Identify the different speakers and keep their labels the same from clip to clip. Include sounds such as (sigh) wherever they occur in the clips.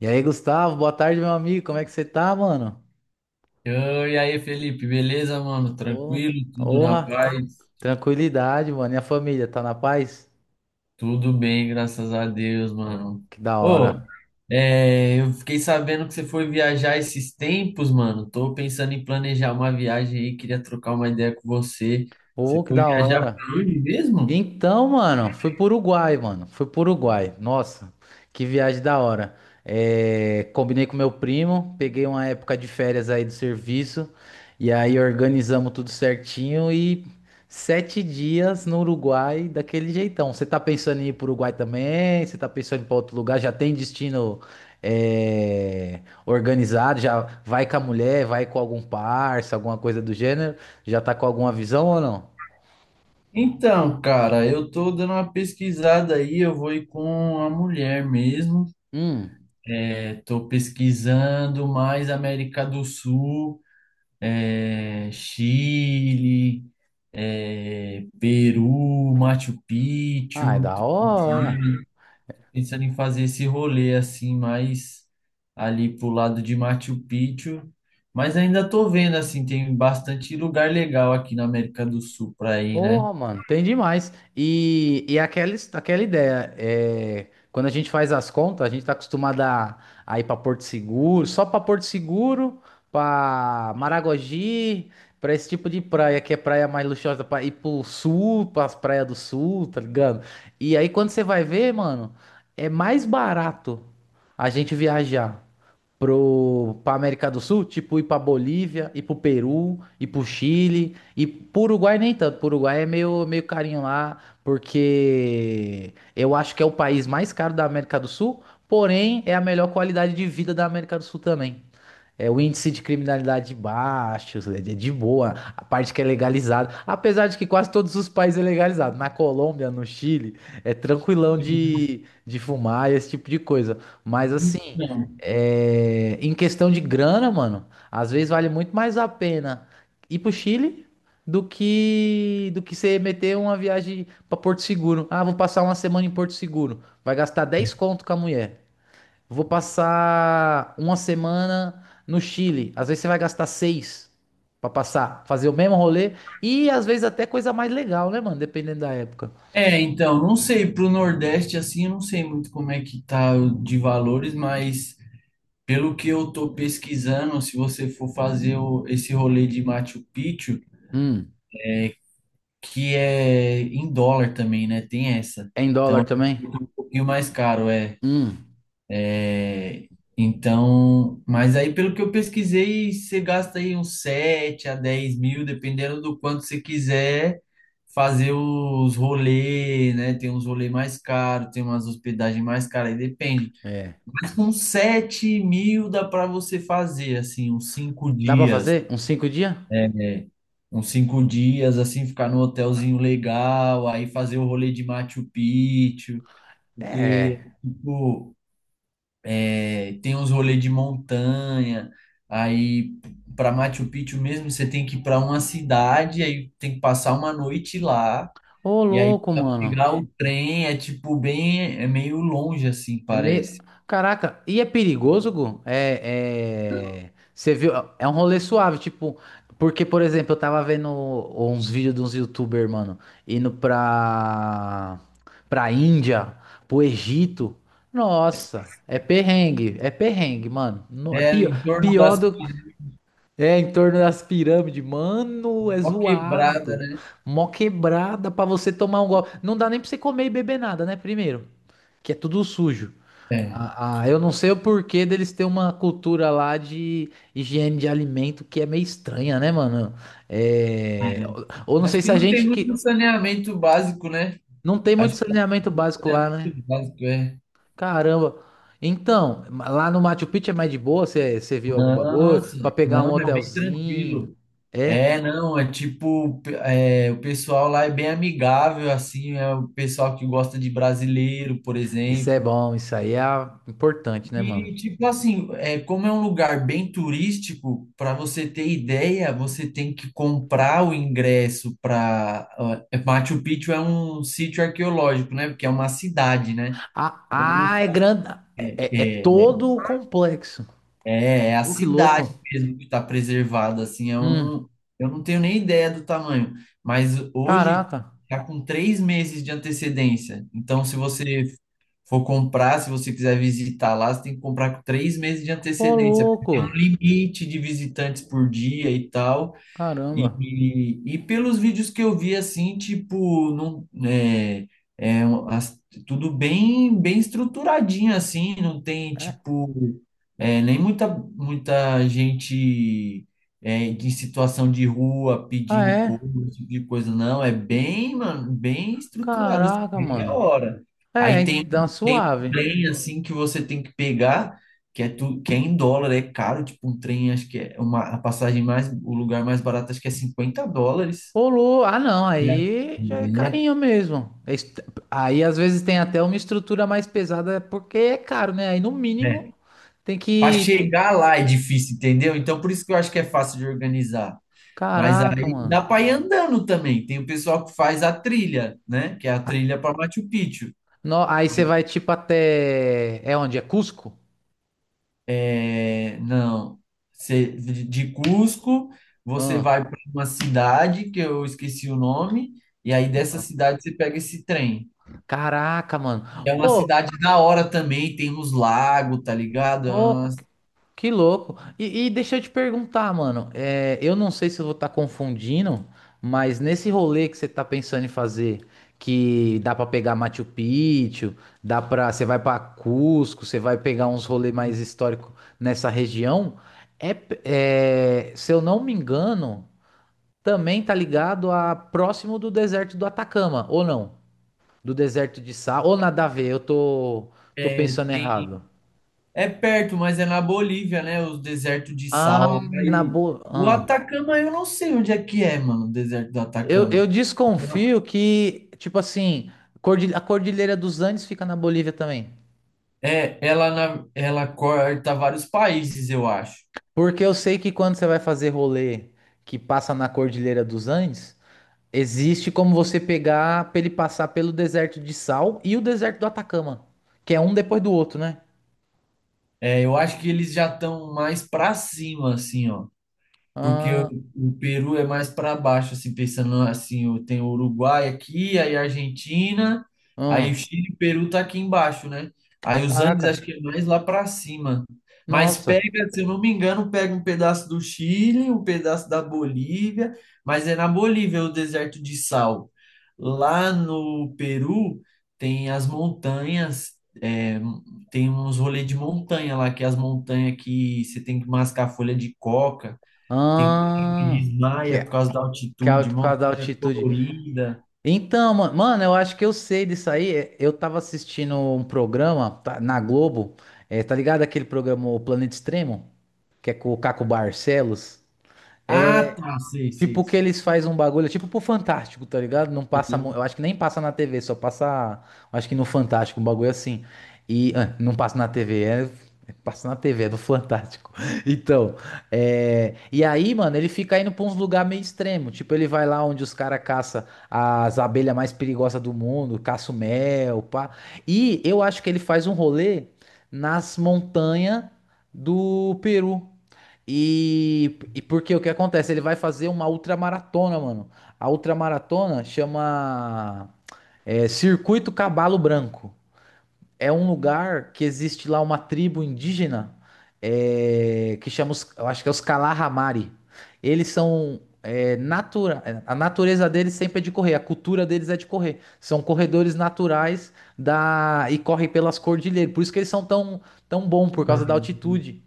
Speaker 1: E aí, Gustavo, boa tarde, meu amigo. Como é que você tá, mano?
Speaker 2: Ô. E aí, Felipe, beleza, mano?
Speaker 1: Ô,
Speaker 2: Tranquilo? Tudo na
Speaker 1: honra,
Speaker 2: paz?
Speaker 1: tranquilidade, mano. E a família, tá na paz?
Speaker 2: Tudo bem, graças a Deus,
Speaker 1: Ô,
Speaker 2: mano.
Speaker 1: que da
Speaker 2: Ô,
Speaker 1: hora.
Speaker 2: eu fiquei sabendo que você foi viajar esses tempos, mano. Tô pensando em planejar uma viagem aí, queria trocar uma ideia com você. Você
Speaker 1: Ô, que
Speaker 2: foi
Speaker 1: da
Speaker 2: viajar
Speaker 1: hora.
Speaker 2: pra onde mesmo?
Speaker 1: Então, mano, foi pro Uruguai, mano. Foi pro Uruguai. Nossa, que viagem da hora. É, combinei com meu primo, peguei uma época de férias aí do serviço, e aí organizamos tudo certinho e 7 dias no Uruguai daquele jeitão. Você tá pensando em ir pro Uruguai também? Você tá pensando em ir pra outro lugar? Já tem destino, organizado? Já vai com a mulher, vai com algum parça, alguma coisa do gênero? Já tá com alguma visão ou não?
Speaker 2: Então, cara, eu tô dando uma pesquisada aí, eu vou ir com a mulher mesmo.
Speaker 1: Hum.
Speaker 2: É, tô pesquisando mais América do Sul. Chile, Peru, Machu
Speaker 1: Ai,
Speaker 2: Picchu.
Speaker 1: da
Speaker 2: Tô
Speaker 1: hora.
Speaker 2: pensando em fazer esse rolê assim, mais ali pro lado de Machu Picchu. Mas ainda tô vendo assim, tem bastante lugar legal aqui na América do Sul para ir, né?
Speaker 1: Porra, mano, tem demais. E aquela, aquela ideia, quando a gente faz as contas, a gente tá acostumado a ir pra Porto Seguro, só pra Porto Seguro, pra Maragogi, pra esse tipo de praia, que é praia mais luxuosa, pra ir pro sul, pras praias do sul, tá ligado? E aí quando você vai ver, mano, é mais barato a gente viajar pra América do Sul, tipo ir pra Bolívia, ir pro Peru, ir pro Chile, e pro Uruguai nem tanto. Pro Uruguai é meio carinho lá, porque eu acho que é o país mais caro da América do Sul, porém é a melhor qualidade de vida da América do Sul também. É o índice de criminalidade baixo, é de boa, a parte que é legalizada. Apesar de que quase todos os países é legalizado. Na Colômbia, no Chile, é tranquilão
Speaker 2: Então,
Speaker 1: de fumar e esse tipo de coisa. Mas assim, em questão de grana, mano, às vezes vale muito mais a pena ir pro Chile do que você meter uma viagem pra Porto Seguro. Ah, vou passar uma semana em Porto Seguro. Vai gastar 10 conto com a mulher. Vou passar uma semana no Chile. Às vezes você vai gastar seis pra passar, fazer o mesmo rolê. E às vezes até coisa mais legal, né, mano? Dependendo da época.
Speaker 2: então, não sei, pro Nordeste, assim, eu não sei muito como é que tá o de valores, mas pelo que eu tô pesquisando, se você for fazer esse rolê de Machu Picchu,
Speaker 1: Hum,
Speaker 2: que é em dólar também, né? Tem essa.
Speaker 1: é em dólar
Speaker 2: Então,
Speaker 1: também?
Speaker 2: fica um pouquinho mais caro.
Speaker 1: Hum,
Speaker 2: é, Então, mas aí pelo que eu pesquisei, você gasta aí uns 7 a 10 mil, dependendo do quanto você quiser fazer os rolês, né? Tem uns rolês mais caros, tem umas hospedagens mais caras, aí depende.
Speaker 1: é.
Speaker 2: Mas com 7 mil dá para você fazer, assim, uns 5
Speaker 1: Dá pra
Speaker 2: dias.
Speaker 1: fazer? Uns 5 dias?
Speaker 2: É, é, uns 5 dias, assim, ficar num hotelzinho legal, aí fazer o rolê de Machu Picchu, porque,
Speaker 1: É.
Speaker 2: tipo, tem uns rolês de montanha, aí para Machu Picchu mesmo você tem que ir para uma cidade, aí tem que passar uma noite lá,
Speaker 1: Ô,
Speaker 2: e aí
Speaker 1: louco,
Speaker 2: pra
Speaker 1: mano.
Speaker 2: pegar o trem é, tipo, bem, é meio longe, assim,
Speaker 1: É meio.
Speaker 2: parece.
Speaker 1: Caraca, e é perigoso, Gu? É. Você viu? É um rolê suave, tipo. Porque, por exemplo, eu tava vendo uns vídeos de uns YouTuber, mano, indo pra Índia, pro Egito. Nossa, é perrengue, mano.
Speaker 2: É,
Speaker 1: Pior,
Speaker 2: em torno
Speaker 1: pior
Speaker 2: das...
Speaker 1: do. É, em torno das pirâmides. Mano, é
Speaker 2: Ó quebrada,
Speaker 1: zoado.
Speaker 2: né?
Speaker 1: Mó quebrada pra você tomar um golpe. Não dá nem pra você comer e beber nada, né? Primeiro que é tudo sujo.
Speaker 2: É.
Speaker 1: Ah, eu não sei o porquê deles ter uma cultura lá de higiene de alimento que é meio estranha, né, mano? É. Ou
Speaker 2: É.
Speaker 1: não sei
Speaker 2: Acho que
Speaker 1: se a
Speaker 2: não tem
Speaker 1: gente que
Speaker 2: muito saneamento básico, né?
Speaker 1: não tem muito
Speaker 2: Acho que
Speaker 1: saneamento básico
Speaker 2: é
Speaker 1: lá, né?
Speaker 2: muito básico, é.
Speaker 1: Caramba. Então, lá no Machu Picchu é mais de boa, você viu algum bagulho
Speaker 2: Nossa,
Speaker 1: pra pegar
Speaker 2: não,
Speaker 1: um
Speaker 2: é bem
Speaker 1: hotelzinho.
Speaker 2: tranquilo.
Speaker 1: É?
Speaker 2: É, não, é tipo, o pessoal lá é bem amigável, assim, é o pessoal que gosta de brasileiro, por
Speaker 1: Isso é
Speaker 2: exemplo.
Speaker 1: bom, isso aí é importante, né, mano?
Speaker 2: E, tipo assim, é, como é um lugar bem turístico, para você ter ideia, você tem que comprar o ingresso para. Machu Picchu é um sítio arqueológico, né? Porque é uma cidade, né?
Speaker 1: Ah,
Speaker 2: Eu
Speaker 1: ah, é grande, é
Speaker 2: não-
Speaker 1: todo o complexo.
Speaker 2: É, é a
Speaker 1: Ô, que louco.
Speaker 2: cidade mesmo que está preservada, assim,
Speaker 1: Hum.
Speaker 2: eu não tenho nem ideia do tamanho, mas hoje
Speaker 1: Caraca.
Speaker 2: está com 3 meses de antecedência. Então, se você for comprar, se você quiser visitar lá, você tem que comprar com 3 meses de
Speaker 1: Ô,
Speaker 2: antecedência, porque tem um
Speaker 1: louco.
Speaker 2: limite de visitantes por dia e tal. E,
Speaker 1: Caramba.
Speaker 2: e, e pelos vídeos que eu vi, assim, tipo, não, é um- as- tudo bem, bem estruturadinho, assim, não tem,
Speaker 1: É?
Speaker 2: tipo, é, nem muita, muita gente, em situação de rua
Speaker 1: Ah,
Speaker 2: pedindo
Speaker 1: é?
Speaker 2: coisa, esse tipo de coisa, não, é bem, mano, bem estruturado, assim,
Speaker 1: Caraca,
Speaker 2: bem da
Speaker 1: mano.
Speaker 2: hora.
Speaker 1: É,
Speaker 2: Aí
Speaker 1: é,
Speaker 2: tem,
Speaker 1: dá uma
Speaker 2: tem um
Speaker 1: suave.
Speaker 2: trem, assim, que você tem que pegar, que é tudo, que é em dólar, é caro, tipo um trem, acho que é uma, a passagem mais, o lugar mais barato acho que é US$ 50.
Speaker 1: Ah, não.
Speaker 2: É.
Speaker 1: Aí já é carinho mesmo. Aí às vezes tem até uma estrutura mais pesada porque é caro, né? Aí no
Speaker 2: É,
Speaker 1: mínimo
Speaker 2: é.
Speaker 1: tem
Speaker 2: Para
Speaker 1: que.
Speaker 2: chegar lá é difícil, entendeu? Então por isso que eu acho que é fácil de organizar. Mas
Speaker 1: Caraca,
Speaker 2: aí dá
Speaker 1: mano.
Speaker 2: para ir andando também. Tem o pessoal que faz a trilha, né? Que é a trilha para Machu Picchu.
Speaker 1: Aí você vai tipo até. É onde? É Cusco?
Speaker 2: É, não. De Cusco, você
Speaker 1: Ah,
Speaker 2: vai para uma cidade que eu esqueci o nome, e aí dessa
Speaker 1: ah.
Speaker 2: cidade você pega esse trem.
Speaker 1: Caraca, mano.
Speaker 2: É uma
Speaker 1: Ô,
Speaker 2: cidade da hora também, tem uns lagos, tá ligado?
Speaker 1: ô. Que louco. E deixa eu te perguntar, mano. Eu não sei se eu vou estar confundindo, mas nesse rolê que você tá pensando em fazer, que dá pra pegar Machu Picchu, dá para você vai pra Cusco, você vai pegar uns rolês mais históricos nessa região, se eu não me engano, também tá ligado a próximo do deserto do Atacama, ou não? Do deserto de Sal, ou nada a ver, eu tô
Speaker 2: É,
Speaker 1: pensando
Speaker 2: tem-
Speaker 1: errado.
Speaker 2: É perto, mas é na Bolívia, né? Os desertos de
Speaker 1: Ah,
Speaker 2: sal
Speaker 1: na boa.
Speaker 2: o
Speaker 1: Ah.
Speaker 2: Atacama, eu não sei onde é que é, mano, o deserto do
Speaker 1: Eu,
Speaker 2: Atacama.
Speaker 1: eu desconfio que, tipo assim, a Cordilheira dos Andes fica na Bolívia também.
Speaker 2: É, ela, ela corta vários países, eu acho.
Speaker 1: Porque eu sei que quando você vai fazer rolê que passa na Cordilheira dos Andes, existe como você pegar pra ele passar pelo deserto de Sal e o deserto do Atacama, que é um depois do outro, né?
Speaker 2: É, eu acho que eles já estão mais pra cima, assim, ó. Porque
Speaker 1: Ah,
Speaker 2: o Peru é mais para baixo, assim, pensando assim, tem o Uruguai aqui, aí a Argentina, aí o
Speaker 1: ah,
Speaker 2: Chile e o Peru tá aqui embaixo, né? Aí os Andes
Speaker 1: caraca,
Speaker 2: acho que é mais lá para cima. Mas
Speaker 1: nossa.
Speaker 2: pega, se eu não me engano, pega um pedaço do Chile, um pedaço da Bolívia, mas é na Bolívia o deserto de sal. Lá no Peru tem as montanhas, é, tem uns rolês de montanha lá, que é as montanhas que você tem que mascar folha de coca. Tem coisa que
Speaker 1: Ah, que
Speaker 2: desmaia por
Speaker 1: é,
Speaker 2: causa da
Speaker 1: que é
Speaker 2: altitude,
Speaker 1: por causa da
Speaker 2: montanha
Speaker 1: altitude.
Speaker 2: colorida.
Speaker 1: Então, mano, eu acho que eu sei disso aí. É, eu tava assistindo um programa tá, na Globo, tá ligado aquele programa O Planeta Extremo, que é com o Caco Barcelos? É,
Speaker 2: Ah, tá, sei, sei,
Speaker 1: tipo que
Speaker 2: sei.
Speaker 1: eles fazem um bagulho, tipo pro Fantástico, tá ligado? Não passa, eu acho que nem passa na TV, só passa, eu acho que no Fantástico, um bagulho assim. E ah, não passa na TV, passa na TV, é do Fantástico. (laughs) Então, e aí, mano, ele fica indo pra uns lugares meio extremo, tipo ele vai lá onde os caras caça as abelhas mais perigosas do mundo, caça o mel, pá. E eu acho que ele faz um rolê nas montanhas do Peru. E porque o que acontece? Ele vai fazer uma ultramaratona, mano. A ultramaratona chama Circuito Cabalo Branco. É um lugar que existe lá uma tribo indígena que chama, os, eu acho que é os Kalahamari. Eles são a natureza deles sempre é de correr, a cultura deles é de correr. São corredores naturais da e correm pelas cordilheiras. Por isso que eles são tão tão bom por causa da
Speaker 2: Uhum.
Speaker 1: altitude.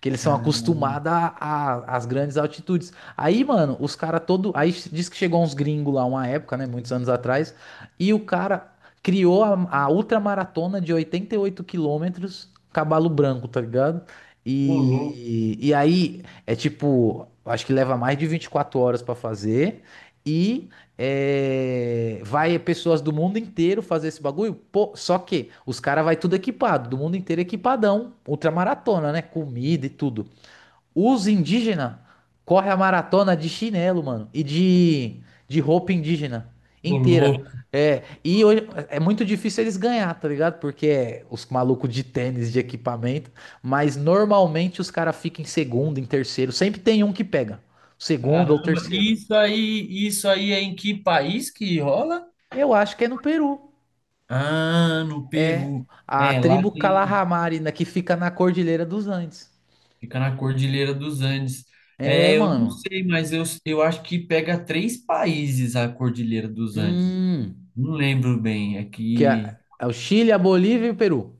Speaker 1: Que eles são acostumados
Speaker 2: Ah,
Speaker 1: às grandes altitudes. Aí, mano, os caras todo. Aí diz que chegou uns gringos lá uma época, né? Muitos anos atrás. E o cara criou a ultramaratona de 88 quilômetros, Cavalo Branco, tá ligado?
Speaker 2: ô louco,
Speaker 1: E aí é tipo, acho que leva mais de 24 horas pra fazer. E vai pessoas do mundo inteiro fazer esse bagulho. Pô, só que os caras vai tudo equipado, do mundo inteiro equipadão, ultramaratona, né? Comida e tudo. Os indígenas correm a maratona de chinelo, mano, e de roupa indígena
Speaker 2: ô
Speaker 1: inteira.
Speaker 2: louco.
Speaker 1: É, e hoje, é muito difícil eles ganhar, tá ligado? Porque é os malucos de tênis, de equipamento, mas normalmente os caras ficam em segundo, em terceiro, sempre tem um que pega, segundo ou
Speaker 2: Caramba,
Speaker 1: terceiro.
Speaker 2: isso aí é em que país que rola?
Speaker 1: Eu acho que é no Peru.
Speaker 2: Ah, no
Speaker 1: É
Speaker 2: Peru.
Speaker 1: a
Speaker 2: É, lá
Speaker 1: tribo
Speaker 2: tem,
Speaker 1: Calahamari, né, que fica na Cordilheira dos Andes.
Speaker 2: fica na Cordilheira dos Andes. É,
Speaker 1: É,
Speaker 2: eu não
Speaker 1: mano.
Speaker 2: sei, mas eu acho que pega três países a Cordilheira dos Andes.
Speaker 1: Hum,
Speaker 2: Não lembro bem, é
Speaker 1: que
Speaker 2: que
Speaker 1: é, é o Chile, a Bolívia e o Peru.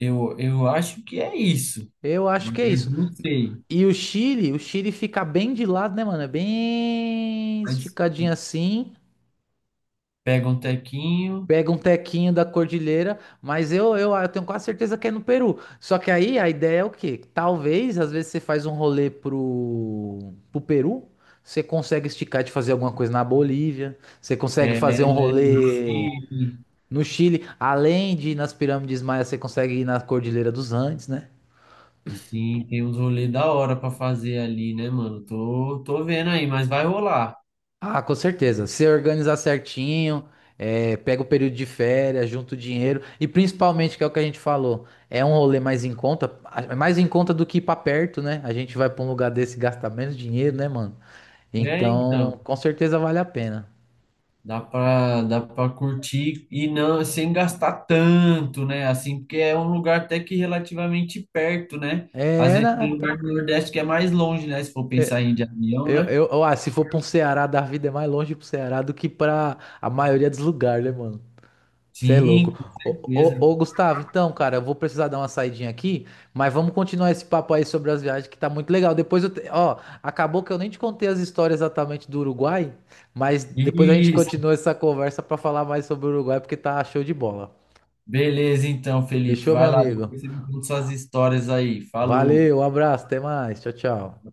Speaker 2: Eu acho que é isso.
Speaker 1: Eu acho
Speaker 2: Mas
Speaker 1: que é isso.
Speaker 2: não sei.
Speaker 1: E o Chile fica bem de lado, né, mano? É bem
Speaker 2: Mas
Speaker 1: esticadinho assim.
Speaker 2: pega um tequinho,
Speaker 1: Pega um tequinho da cordilheira, mas eu tenho quase certeza que é no Peru. Só que aí a ideia é o quê? Talvez, às vezes, você faz um rolê pro Peru, você consegue esticar de fazer alguma coisa na Bolívia, você consegue fazer um
Speaker 2: é, um
Speaker 1: rolê
Speaker 2: chile.
Speaker 1: no Chile, além de ir nas pirâmides maias, você consegue ir na Cordilheira dos Andes, né?
Speaker 2: Sim, tem uns rolês da hora pra fazer ali, né, mano? Tô vendo aí, mas vai rolar.
Speaker 1: Ah, com certeza. Se organizar certinho, pega o período de férias, junta o dinheiro e principalmente, que é o que a gente falou, é um rolê mais em conta, é mais em conta do que ir pra perto, né? A gente vai pra um lugar desse e gasta menos dinheiro, né, mano?
Speaker 2: É, então.
Speaker 1: Então, com certeza vale a pena.
Speaker 2: Dá pra curtir e não sem gastar tanto, né? Assim, porque é um lugar até que relativamente perto, né? Às
Speaker 1: É,
Speaker 2: vezes tem um lugar do Nordeste que é mais longe, né? Se for
Speaker 1: é,
Speaker 2: pensar em ir de avião, né?
Speaker 1: se for pra um Ceará da vida, é mais longe pro Ceará do que pra a maioria dos lugares, né, mano? Você é louco.
Speaker 2: Sim, com
Speaker 1: Ô,
Speaker 2: certeza.
Speaker 1: ô, ô, Gustavo, então, cara, eu vou precisar dar uma saidinha aqui, mas vamos continuar esse papo aí sobre as viagens, que tá muito legal. Ó, acabou que eu nem te contei as histórias exatamente do Uruguai, mas depois a gente
Speaker 2: Isso.
Speaker 1: continua essa conversa pra falar mais sobre o Uruguai, porque tá show de bola.
Speaker 2: Beleza, então, Felipe.
Speaker 1: Fechou, meu
Speaker 2: Vai lá,
Speaker 1: amigo?
Speaker 2: depois você me conta suas histórias aí. Falou.
Speaker 1: Valeu, um abraço, até mais. Tchau, tchau.